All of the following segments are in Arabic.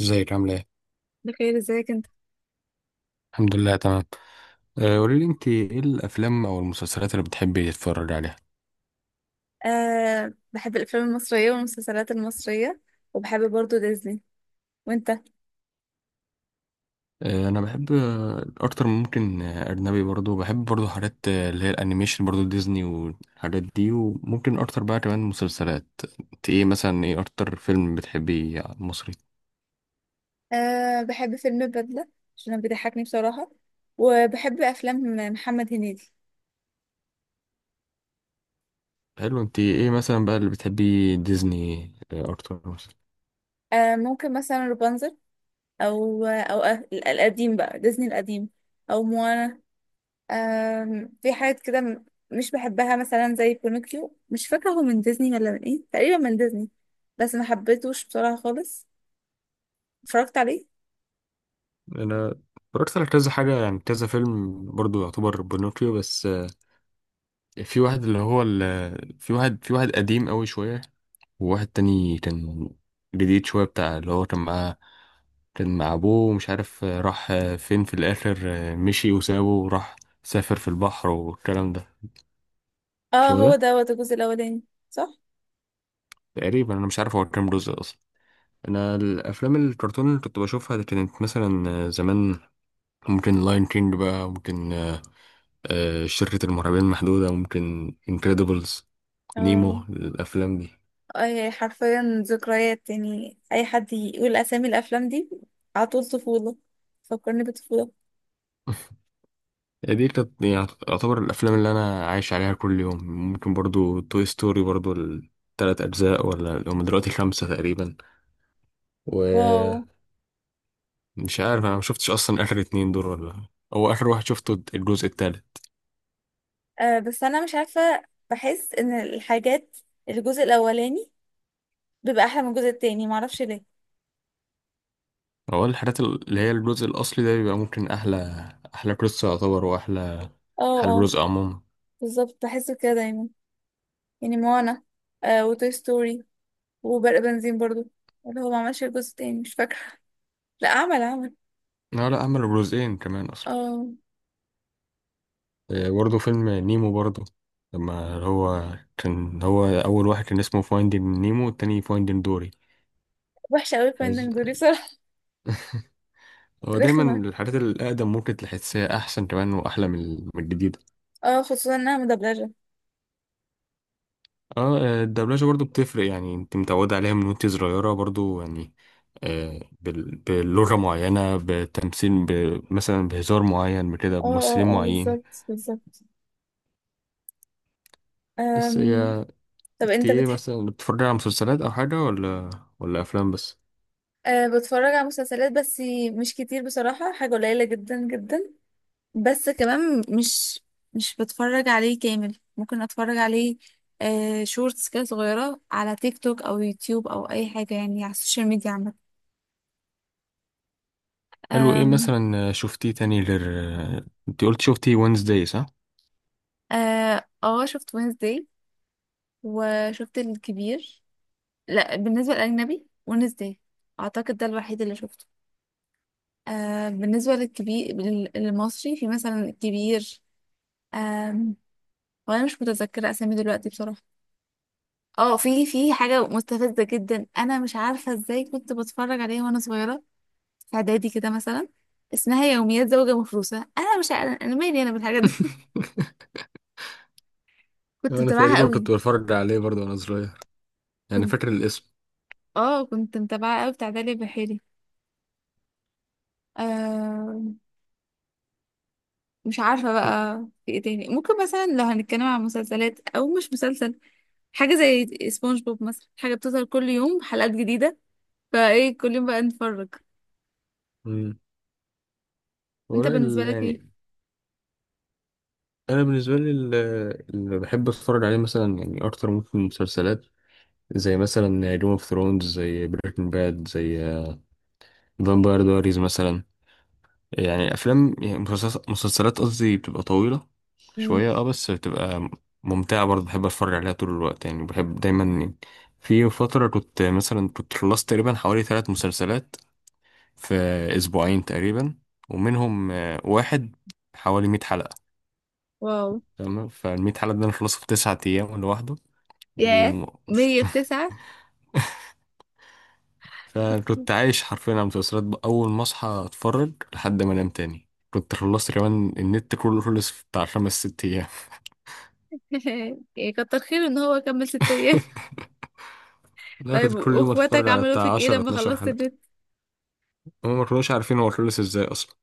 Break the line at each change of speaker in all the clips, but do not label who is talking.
ازيك، عامله ايه؟
بخير، ازيك انت؟
الحمد لله، تمام. قولي لي، انت ايه الافلام او المسلسلات اللي بتحبي تتفرجي عليها؟
أه، بحب الافلام المصريه والمسلسلات المصريه. وبحب برضو ديزني. وانت؟
انا بحب اكتر من ممكن اجنبي، برضو بحب برضو حاجات اللي هي الانيميشن، برضو ديزني والحاجات دي، وممكن اكتر بقى كمان مسلسلات. انت ايه مثلا، ايه اكتر فيلم بتحبي مصري؟
أه، بحب فيلم البدله عشان بيضحكني بصراحه. وبحب افلام محمد هنيدي.
حلو. انت ايه مثلا بقى اللي بتحبي ديزني؟ اكتر مثلا.
أه، ممكن مثلا رابنزل، او القديم بقى، ديزني القديم، او موانا. في حاجات كده، مش بحبها، مثلا زي بينوكيو. مش فاكره هو من ديزني ولا من ايه، تقريبا من ديزني. بس ما حبيتهوش بصراحه خالص. اتفرجت عليه.
انا اتفرجت على كذا حاجه، يعني كذا فيلم برضو يعتبر بنوكيو، بس في واحد اللي هو في واحد قديم قوي شوية، وواحد تاني كان جديد شوية، بتاع اللي هو كان معاه، كان مع أبوه ومش عارف راح فين في الآخر، مشي وسابه وراح، سافر في البحر والكلام ده.
اه،
شو ده؟
هو دوت الجزء الاولاني. صح.
تقريبا أنا مش عارف هو كام جزء أصلا. أنا الأفلام الكرتون اللي كنت بشوفها دي كانت مثلا زمان ممكن لاين كينج بقى، ممكن شركة المرعبين المحدودة، ممكن انكريدبلز،
اه،
نيمو، الأفلام دي.
أي، حرفيا ذكريات. يعني اي حد يقول اسامي الافلام دي، على طول طفوله. فكرني بطفوله.
دي كانت يعني يعتبر الافلام اللي انا عايش عليها كل يوم. ممكن برضو توي ستوري، برضو ال3 اجزاء ولا هم دلوقتي خمسة تقريبا، ومش
واو.
عارف، انا ما شفتش اصلا اخر اتنين دول، ولا هو اخر واحد شفته الجزء التالت.
آه بس انا مش عارفه، بحس ان الحاجات، الجزء الاولاني بيبقى احلى من الجزء التاني، معرفش ليه.
هو الحاجات اللي هي الجزء الاصلي ده بيبقى ممكن احلى، احلى قصة يعتبر، واحلى احلى
اه، اه،
جزء عموما.
بالظبط، بحس كده دايما. يعني موانا، آه، وتوي ستوري، وبرق بنزين برضو، اللي هو ما عملش الجزء التاني، مش فاكره. لا، عمل، عمل.
لا، لا عملوا جزئين كمان اصلا.
اه،
برضو فيلم نيمو برضو، لما هو كان، هو اول واحد كان اسمه فايندين نيمو والتاني فايندين دوري.
وحشه قوي
حز.
الفنانين دول بصراحه.
هو
رخمه.
دايما الحاجات الأقدم ممكن تحسها أحسن كمان وأحلى من الجديدة.
اه، خصوصا انها مدبلجه.
اه، الدبلجة برضو بتفرق، يعني انت متعودة عليها من وانت صغيرة برضو يعني بلغة معينة، بتمثيل مثلا بهزار معين، بكده،
اه، اه،
بممثلين
اه،
معين.
بالظبط، بالظبط.
بس
أم...
هي،
طب،
انت
انت
ايه
بتح...
مثلا، بتتفرج على مسلسلات أو حاجة، ولا أفلام بس؟
أه، بتفرج على مسلسلات بس. مش كتير بصراحة، حاجة قليلة جدا جدا. بس كمان مش بتفرج عليه كامل، ممكن اتفرج عليه أه شورتس كده صغيرة على تيك توك او يوتيوب او اي حاجة، يعني على السوشيال ميديا عامة.
حلو، ايه
أم...
مثلا شفتيه تاني غير، انت قلت شفتي وينزداي صح؟
اه، شفت وينزداي وشفت الكبير. لا، بالنسبة للأجنبي وينزداي اعتقد ده الوحيد اللي شفته. آه، بالنسبة للكبير، للمصري، في مثلا الكبير. آم، وانا مش متذكرة اسامي دلوقتي بصراحة. اه، في حاجة مستفزة جدا، انا مش عارفة ازاي كنت بتفرج عليها وانا صغيرة. في اعدادي كده مثلا، اسمها يوميات زوجة مفروسة. انا مش عارفة انا مالي انا بالحاجات دي. كنت
انا
متابعها
تقريبا
قوي.
كنت بتفرج عليه برضو وانا صغير، يعني
كنت
فاكر الاسم.
اه كنت متابعها قوي، بتاع داليا بحيري. آه، مش عارفة بقى، في ايه تاني ممكن، مثلا لو هنتكلم عن مسلسلات او مش مسلسل، حاجة زي سبونج بوب مثلا، حاجة بتظهر كل يوم حلقات جديدة، فايه كل يوم بقى نتفرج.
مم. هو
انت
لا
بالنسبة لك
يعني
ايه؟
انا بالنسبه لي، اللي بحب اتفرج عليه مثلا يعني اكتر ممكن مسلسلات، زي مثلا جيم اوف ثرونز، زي بريكنج باد، زي فامباير دايريز مثلا. يعني افلام، يعني مسلسلات، مسلسلات قصدي، بتبقى طويله
مم.
شويه اه، بس بتبقى ممتعه برضه، بحب اتفرج عليها طول الوقت يعني، بحب دايما يعني. في فتره كنت مثلا، كنت خلصت تقريبا حوالي 3 مسلسلات في اسبوعين تقريبا، ومنهم واحد حوالي 100 حلقه.
واو.
تمام، فالمية حلقة دي أنا خلصت في 9 أيام لوحده.
ياه،
و... وش-
100 في تسعة.
فكنت عايش حرفيا على المسلسلات بقى. أول ما أصحى أتفرج لحد ما أنام تاني. كنت خلصت كمان النت كله، خلص في بتاع خمس ست أيام.
إيه، كتر خيره ان هو كمل 6 ايام.
لا،
طيب،
كنت كل يوم أتفرج
واخواتك
على
عملوا
بتاع
فيك ايه
عشرة
لما
اتناشر
خلصت
حلقة.
النت؟
هما ما كانوش عارفين هو خلص إزاي أصلا،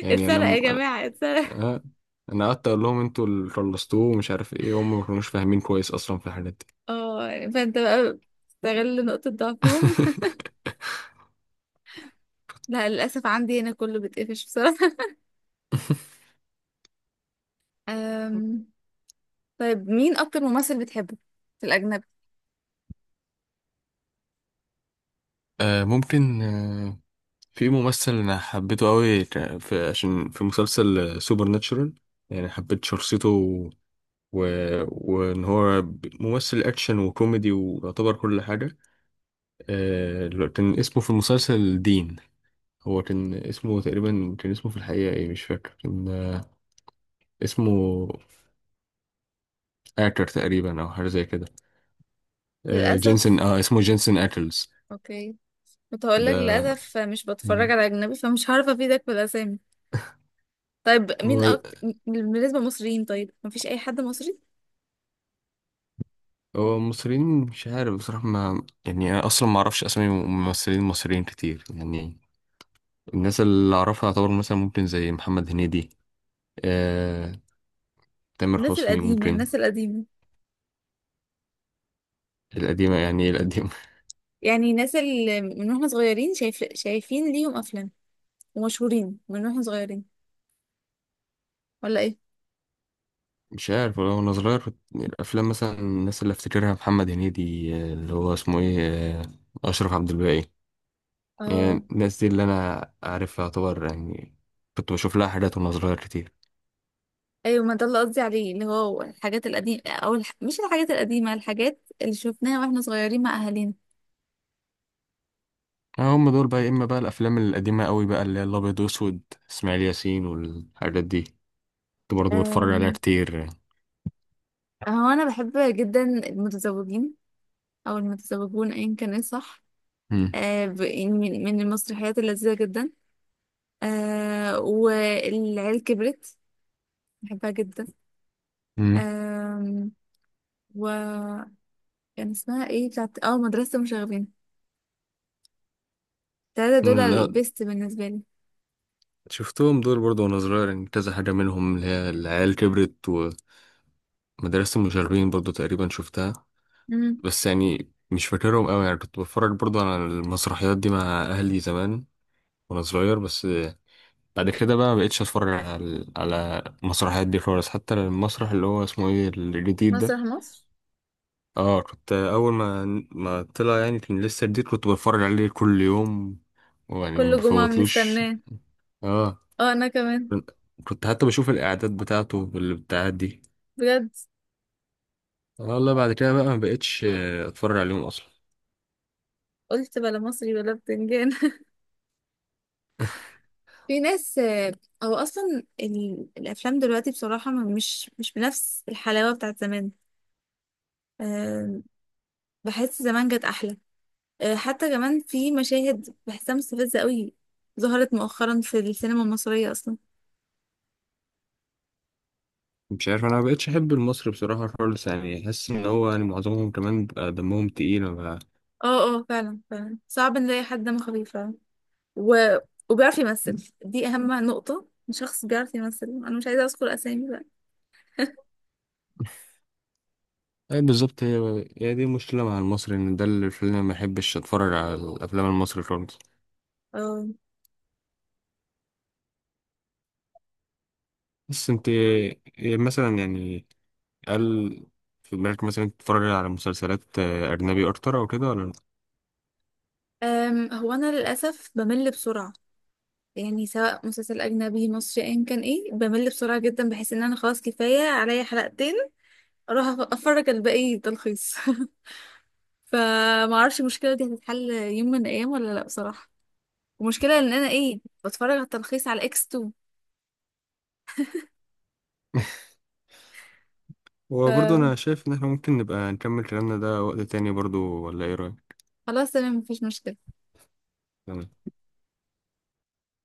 يعني
اتسرق يا
أنا
جماعة، اتسرق.
أه، أنا قعدت أقول لهم أنتوا اللي خلصتوه ومش عارف إيه، هما ما كانوش فاهمين كويس أصلا في الحاجات دي.
اه، يعني فانت بقى استغل نقطة ضعفهم. لا، للأسف عندي هنا كله بيتقفش بصراحة. أم... طيب، مين أكتر ممثل بتحبه في الأجنبي؟
ممكن في ممثل انا حبيته قوي في عشان في مسلسل سوبر ناتشورال، يعني حبيت شخصيته وان هو ممثل اكشن وكوميدي ويعتبر كل حاجه. اللي كان اسمه في المسلسل دين، هو كان اسمه تقريبا، كان اسمه في الحقيقه ايه مش فاكر، كان اسمه اكر تقريبا او حاجه زي كده.
للأسف،
جينسون، اه اسمه جينسون اكلز
اوكي، كنت هقول لك
ده.
للاسف مش
مم.
بتفرج على اجنبي، فمش هعرف افيدك بالاسامي. طيب، مين
هو
اكتر بالنسبه للمصريين؟ طيب، مفيش اي حد مصري؟
هو المصريين مش عارف بصراحة، ما يعني أنا أصلا ما أعرفش أسامي ممثلين مصريين كتير يعني. الناس اللي أعرفها يعتبر مثلا ممكن زي محمد هنيدي، آه، تامر
الناس
حسني
القديمه،
ممكن.
الناس القديمه.
القديمة؟ يعني إيه القديمة؟
يعني الناس اللي من واحنا صغيرين، شايفين ليهم افلام، ومشهورين من واحنا صغيرين، ولا ايه؟
مش عارف والله، وأنا صغير الأفلام مثلا الناس اللي أفتكرها محمد هنيدي، اللي هو اسمه إيه، آه، أشرف عبد الباقي.
اه،
يعني الناس دي اللي أنا عارفها يعتبر يعني، كنت بشوف لها حاجات وأنا صغير كتير.
ايوه، ما ده اللي قصدي عليه، اللي هو الحاجات القديمه او الح... مش الحاجات القديمه، الحاجات اللي شفناها واحنا صغيرين مع اهالينا.
هم دول بقى، يا إما بقى الأفلام القديمة قوي بقى اللي هي الأبيض وأسود، إسماعيل ياسين والحاجات دي، كنت برضه بتفرج عليها
أم،
كتير.
هو انا بحب جدا المتزوجين، او المتزوجون ايا كان ايه صح، يعني من المسرحيات اللذيذة جدا، والعيال كبرت، بحبها جدا.
مم.
آم، و كان اسمها ايه بتاعت، مدرسة مشاغبين. التلاتة دول
مم.
البيست بالنسبة لي.
شفتهم دول برضه وانا صغير يعني، كذا حاجة منهم اللي هي العيال كبرت، ومدرسة المشاغبين برضه تقريبا شفتها.
مم.
بس يعني مش فاكرهم قوي، يعني كنت بتفرج برضه على المسرحيات دي مع أهلي زمان وانا صغير بس. بعد كده بقى مبقتش اتفرج على المسرحيات دي خالص. حتى المسرح اللي هو اسمه ايه، الجديد ده.
مسرح مصر.
اه، كنت اول ما، ما طلع يعني، كان لسه جديد، كنت بتفرج عليه كل يوم، ويعني ما
كل جمعة
بفوتلوش.
بنستناه.
اه،
اه، انا كمان.
كنت حتى بشوف الإعداد بتاعته بالبتاعات دي.
بجد.
انا والله بعد كده بقى ما بقتش اتفرج عليهم اصلا.
قلت بلا مصري بلا بتنجان. في ناس، هو اصلا الافلام دلوقتي بصراحة، مش بنفس الحلاوة بتاعت زمان. آم، بحس زمان جت احلى. حتى كمان في مشاهد بحسها مستفزة قوي، ظهرت مؤخرا في السينما المصرية أصلا.
مش عارف، انا ما بقتش احب المصري بصراحه خالص يعني، احس ان هو يعني معظمهم كمان بيبقى دمهم تقيل بقى.
اه، اه، فعلا، فعلا صعب نلاقي حد دمه خفيف فعلا. و... وبيعرف يمثل، دي أهم نقطة، شخص بيعرف يمثل. أنا مش عايزة أذكر أسامي بقى.
اي بالظبط، هي دي مشكله مع المصري، ان ده اللي خلاني ما احبش اتفرج على الافلام المصري خالص.
اه.
بس انت إيه مثلا يعني، هل في بالك مثلا تتفرج على مسلسلات اجنبي اكتر او كده ولا لأ؟
هو أنا للأسف بمل بسرعة، يعني سواء مسلسل أجنبي مصري أيا كان إيه، بمل بسرعة جدا، بحس إن أنا خلاص كفاية عليا حلقتين، أروح أفرج الباقي تلخيص. فمعرفش المشكلة دي هتتحل يوم من الأيام ولا لأ بصراحة. ومشكلة ان انا ايه، بتفرج على التلخيص على اكس 2.
وبرضه
فخلاص،
انا شايف ان احنا ممكن نبقى نكمل كلامنا ده وقت تاني برضه، ولا ايه رايك؟
تمام، مفيش مشكلة.